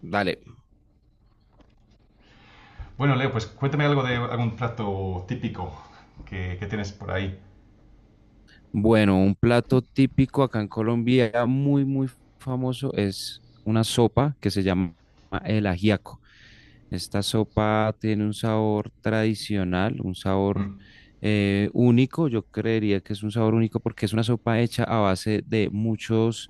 Dale. Bueno, Leo, pues cuéntame algo de algún plato típico que tienes por ahí. Bueno, un plato típico acá en Colombia, muy, muy famoso, es una sopa que se llama el ajiaco. Esta sopa tiene un sabor tradicional, un sabor Mm. Único. Yo creería que es un sabor único porque es una sopa hecha a base de muchos,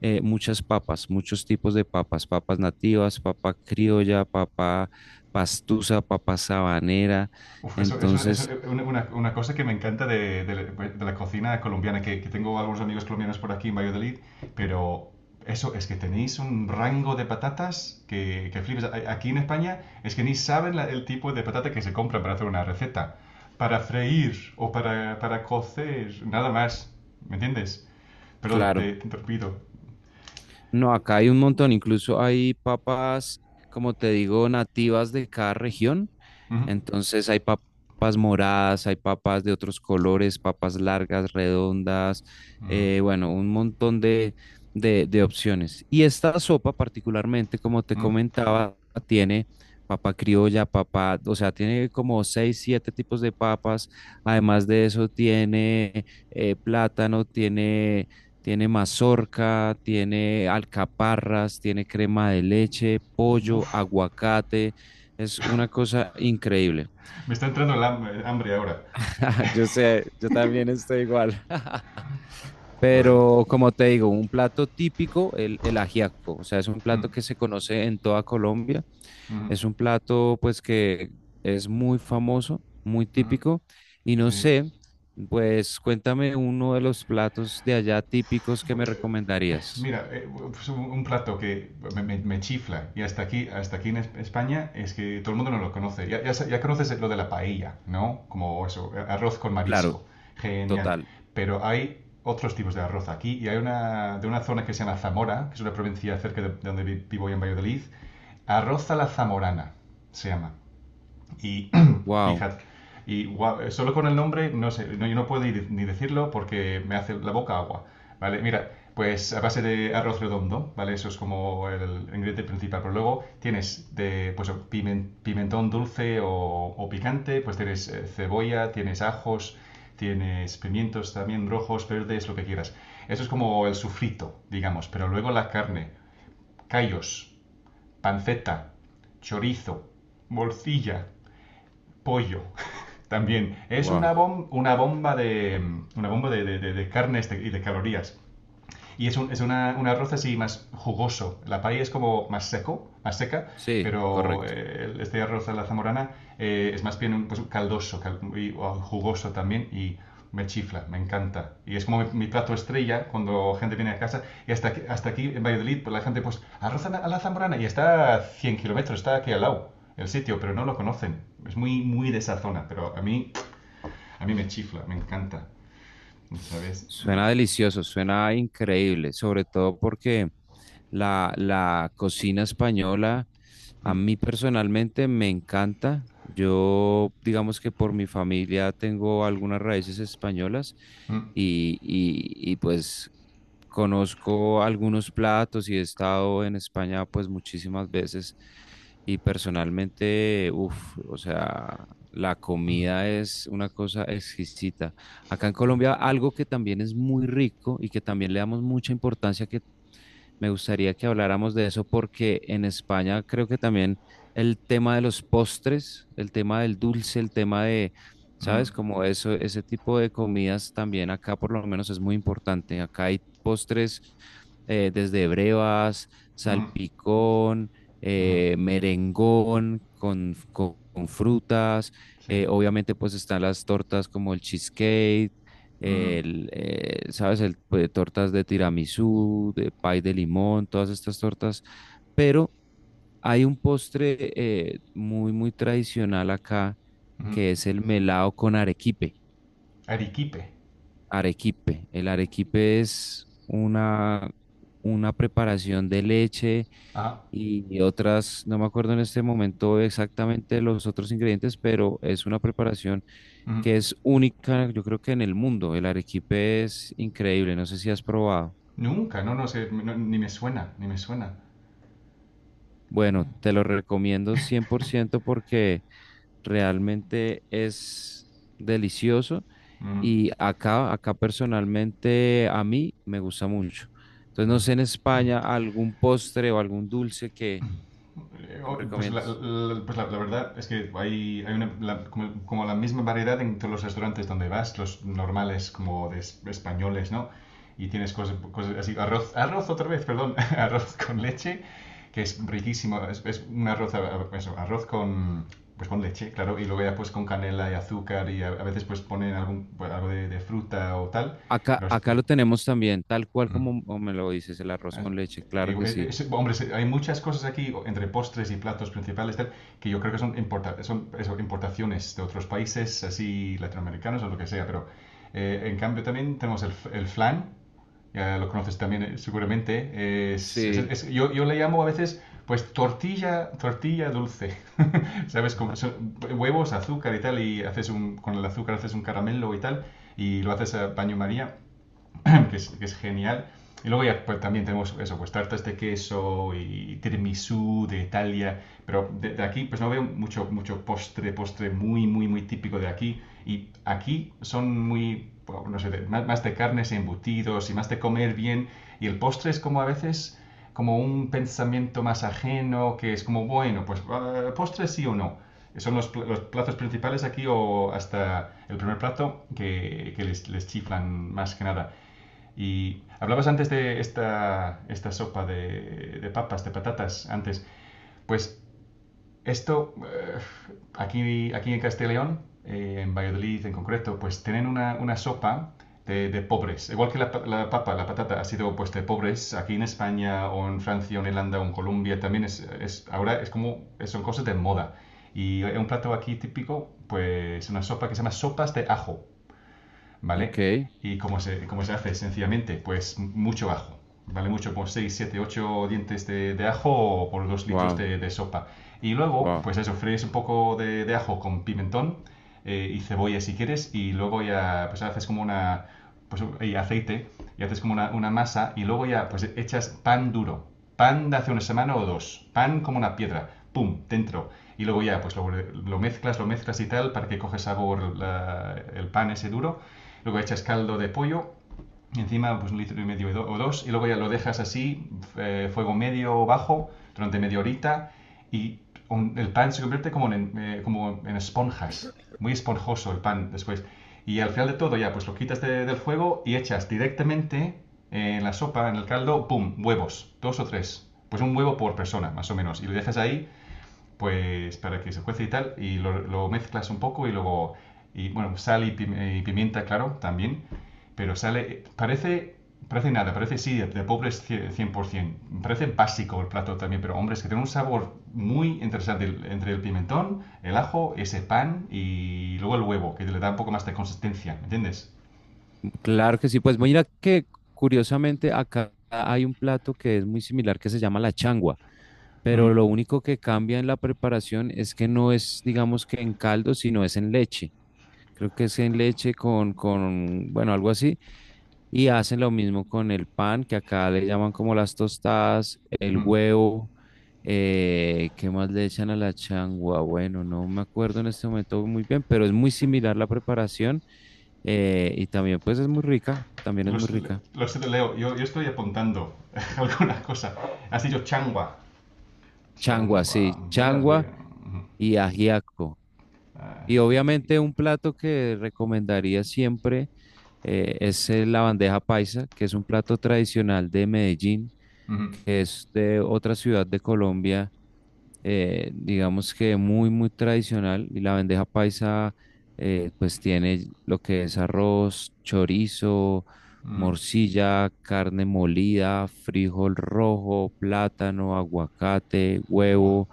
eh, muchas papas, muchos tipos de papas, papas nativas, papa criolla, papa pastusa, papa sabanera. Uf, eso es Entonces, una cosa que me encanta de la cocina colombiana, que tengo algunos amigos colombianos por aquí en Valladolid, pero eso es que tenéis un rango de patatas que flipas. Aquí en España es que ni saben el tipo de patata que se compra para hacer una receta, para freír o para cocer, nada más, ¿me entiendes? Perdón, te, claro. te interrumpido. No, acá hay un montón, incluso hay papas, como te digo, nativas de cada región. Ujú. Entonces hay papas moradas, hay papas de otros colores, papas largas, redondas, Mm, bueno, un montón de opciones. Y esta sopa particularmente, como te mm. comentaba, tiene papa criolla, papa, o sea, tiene como seis, siete tipos de papas. Además de eso, tiene plátano, tiene... Tiene mazorca, tiene alcaparras, tiene crema de leche, Uf, pollo, aguacate, es una cosa increíble. me está entrando el hambre ahora. Yo sé, yo también estoy igual. Joder. Pero como te digo, un plato típico, el ajiaco. O sea, es un plato Mm, que se conoce en toda Colombia. mm, Es un plato pues que es muy famoso, muy mm, típico. Y no sí. sé, pues cuéntame uno de los platos de allá típicos que me Eh, recomendarías. Mira, pues un plato que me chifla y hasta aquí en España es que todo el mundo no lo conoce. Ya conoces lo de la paella, ¿no? Como eso, arroz con Claro, marisco. Genial. total. Pero hay otros tipos de arroz aquí y hay una zona que se llama Zamora, que es una provincia cerca de donde vivo yo en Valladolid. Arroz a la zamorana se llama. Y Wow, fíjate, y guau, solo con el nombre, no sé, no, yo no puedo ni decirlo porque me hace la boca agua, ¿vale? Mira, pues a base de arroz redondo, ¿vale? Eso es como el ingrediente principal, pero luego tienes de, pues, pimentón dulce o picante, pues tienes cebolla, tienes ajos, tienes pimientos también rojos, verdes, lo que quieras. Eso es como el sufrito, digamos, pero luego la carne, callos, panceta, chorizo, morcilla, pollo. También es wow. una, bom- una bomba de carnes y de calorías. Y es un arroz así más jugoso. La paella es como más seco, más seca, Sí, pero correcto. Este arroz a la zamorana es más bien pues, caldoso y o jugoso también y me chifla, me encanta. Y es como mi plato estrella cuando gente viene a casa. Y hasta aquí en Valladolid, pues, la gente, pues, arroz a la zamorana y está a 100 kilómetros, está aquí al lado el sitio, pero no lo conocen. Es muy, muy de esa zona, pero a mí me chifla, me encanta, ¿sabes? Suena delicioso, suena increíble, sobre todo porque la cocina española a Mm, mí personalmente me encanta. Yo, digamos que por mi familia tengo algunas raíces españolas mm, y pues conozco algunos platos y he estado en España pues muchísimas veces y personalmente, uff, o sea, la comida es una cosa exquisita. Acá en Colombia algo que también es muy rico y que también le damos mucha importancia, que me gustaría que habláramos de eso porque en España creo que también el tema de los postres, el tema del dulce, el tema de, mm, ¿sabes? Como eso, ese tipo de comidas también acá por lo menos es muy importante. Acá hay postres desde brevas, mm. Mm. salpicón, Ujú. Merengón con frutas. Sí. Obviamente pues están las tortas como el cheesecake, Ujú, el, ¿sabes? El, pues, tortas de tiramisú, de pay de limón, todas estas tortas. Pero hay un postre muy, muy tradicional acá, ujú. que es el melado con arequipe. Arequipe. Arequipe. El arequipe es una preparación de leche Ah. y otras, no me acuerdo en este momento exactamente los otros ingredientes, pero es una preparación Ujú. que es única, yo creo que en el mundo. El arequipe es increíble, no sé si has probado. Nunca, no, no sé, no, ni me suena, ni me suena. Bueno, Ah, te lo recomiendo 100% porque realmente es delicioso ujú, y acá, acá personalmente a mí me gusta mucho. Entonces, ujú. no sé, en España algún postre o algún dulce que me Oh, Pues la, recomiendes. la- pues la- la verdad es que hay como la misma variedad en todos los restaurantes donde vas, los normales como de españoles, ¿no? Y tienes cosas así, arroz, arroz otra vez, perdón, arroz con leche, que es riquísimo, es un arroz, eso, arroz con, pues con leche, claro, y luego ya pues con canela y azúcar y a veces pues ponen algún, pues, algo de fruta o tal. Acá, Los- acá lo tenemos también, tal cual mm. como como me lo dices, el arroz Eh, con leche, claro que sí. Hombre, hay muchas cosas aquí entre postres y platos principales tal, que yo creo que son eso, importaciones de otros países, así latinoamericanos o lo que sea, pero en cambio también tenemos el flan, ya lo conoces también seguramente, es, es- Sí. es- yo, yo le llamo a veces pues tortilla, tortilla dulce, ¿sabes? Ajá, Son huevos, azúcar y tal, y haces con el azúcar haces un caramelo y tal, y lo haces a baño María. que es genial. Y luego ya pues, también tenemos eso, pues tartas de queso y tiramisú de Italia, pero de aquí pues no veo mucho postre muy, muy, muy típico de aquí. Y aquí son bueno, no sé, más de carnes y embutidos y más de comer bien. Y el postre es como a veces como un pensamiento más ajeno, que es como, bueno, pues postre sí o no. Son los platos principales aquí o hasta el primer plato que les chiflan más que nada. Y hablabas antes de esta sopa de papas, de patatas, antes. Pues esto, eh, aquí en Castellón, en Valladolid en concreto, pues tienen una sopa de pobres. Igual que la papa, la patata ha sido pues de pobres, aquí en España o en Francia o en Irlanda o en Colombia también ahora es como, son cosas de moda. Y un plato aquí típico, pues una sopa que se llama sopas de ajo. ¿Vale? ok, ¿Y cómo se hace? Sencillamente, pues mucho ajo, ¿vale? Mucho, por 6 7 8 dientes de ajo o por 2 litros wow, de sopa. Y luego, wow. pues eso, fríes un poco de ajo con pimentón y cebolla si quieres y luego ya, pues haces como pues y aceite y haces como una masa y luego ya, pues echas pan duro. Pan de hace una semana o dos. Pan como una piedra. ¡Pum! Dentro. Y luego ya, pues lo mezclas y tal para que coge sabor el pan ese duro luego echas caldo de pollo, encima pues 1 litro y medio o dos, y luego ya lo dejas así, fuego medio o bajo, durante media horita, y el pan se convierte como en esponjas, muy esponjoso el pan después. Y al final de todo ya pues lo quitas del fuego y echas directamente en la sopa, en el caldo, ¡pum!, huevos, dos o tres. Pues un huevo por persona, más o menos. Y lo dejas ahí pues para que se cuece y tal, y lo mezclas un poco y luego, y bueno, sal y pimienta, claro, también, pero sale, parece, nada, parece sí, de pobres 100%, parece básico el plato también, pero hombre, es que tiene un sabor muy interesante entre el pimentón, el ajo, ese pan y luego el huevo, que le da un poco más de consistencia, ¿me entiendes? Claro que sí, pues mira que curiosamente acá hay un plato que es muy similar que se llama la changua, Ujú, pero lo único que cambia en la preparación es que no es, digamos, que en caldo, sino es en leche. Creo que es en leche con, bueno, algo así. Y hacen lo mismo con el pan, que acá le llaman como las tostadas, el ujú. huevo, ¿qué más le echan a la changua? Bueno, no me acuerdo en este momento muy bien, pero es muy similar la preparación, y también pues es muy rica, también es muy Los, rica. los leo, yo estoy apuntando alguna cosa. Has dicho changua. Changua, Changua. sí, Voy a, voy changua a. Ujú. y ajiaco. Y obviamente Ají. un plato que recomendaría siempre es la bandeja paisa, que es un plato tradicional de Medellín, Ujú, que es de otra ciudad de Colombia, digamos que muy, muy tradicional, y la bandeja paisa, pues, tiene lo que es arroz, chorizo, ujú. morcilla, carne molida, frijol rojo, plátano, aguacate, Buah. huevo,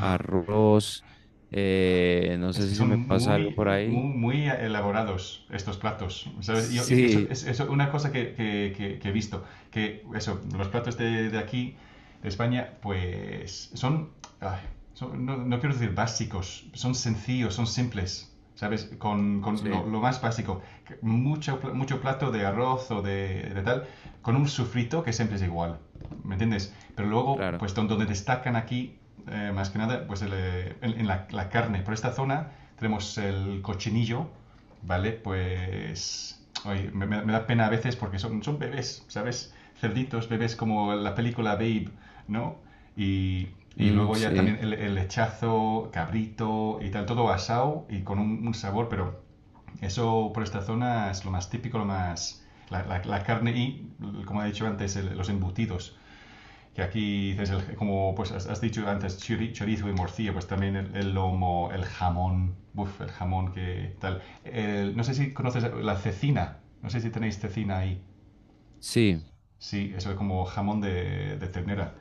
arroz, no Es sé que si se son me pasa algo muy, por ahí. muy, muy elaborados estos platos, ¿sabes? Y eso Sí, es eso, una cosa que he visto, que eso, los platos de aquí de España, pues ay, no, no quiero decir básicos, son sencillos, son simples, ¿sabes? Con lo, sí, lo más básico, mucho plato de arroz o de tal, con un sufrito que siempre es igual, ¿me entiendes? Pero luego, claro. pues donde destacan aquí, más que nada, pues en la carne. Por esta zona tenemos el cochinillo, ¿vale? Pues oye, da pena a veces porque son bebés, ¿sabes? Cerditos, bebés como la película Babe, ¿no? Y, y Mm, luego ya sí, también el lechazo, cabrito y tal, todo asado y con un sabor, pero eso por esta zona es lo más típico, lo más... La carne y, como he dicho antes, los embutidos que aquí dices, como pues has dicho antes, chorizo y morcilla, pues también el lomo, el jamón, uf, el jamón que tal. No sé si conoces la cecina, no sé si tenéis cecina ahí. sí, Sí, eso es como jamón de ternera.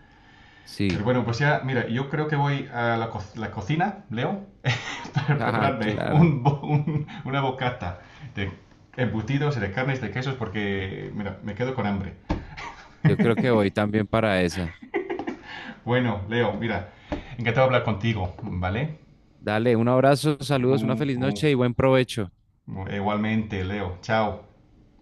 sí. Pero bueno, pues ya, mira, yo creo que voy a la cocina, Leo, para Ah, prepararme claro. una bocata de embutidos y de carnes, de quesos, porque, mira, me quedo con hambre. Yo creo que voy también para esa. Bueno, Leo, mira, encantado de hablar contigo, ¿vale? Dale, un abrazo, saludos, una Uh, feliz uh, noche y buen provecho. Igualmente, Leo, chao.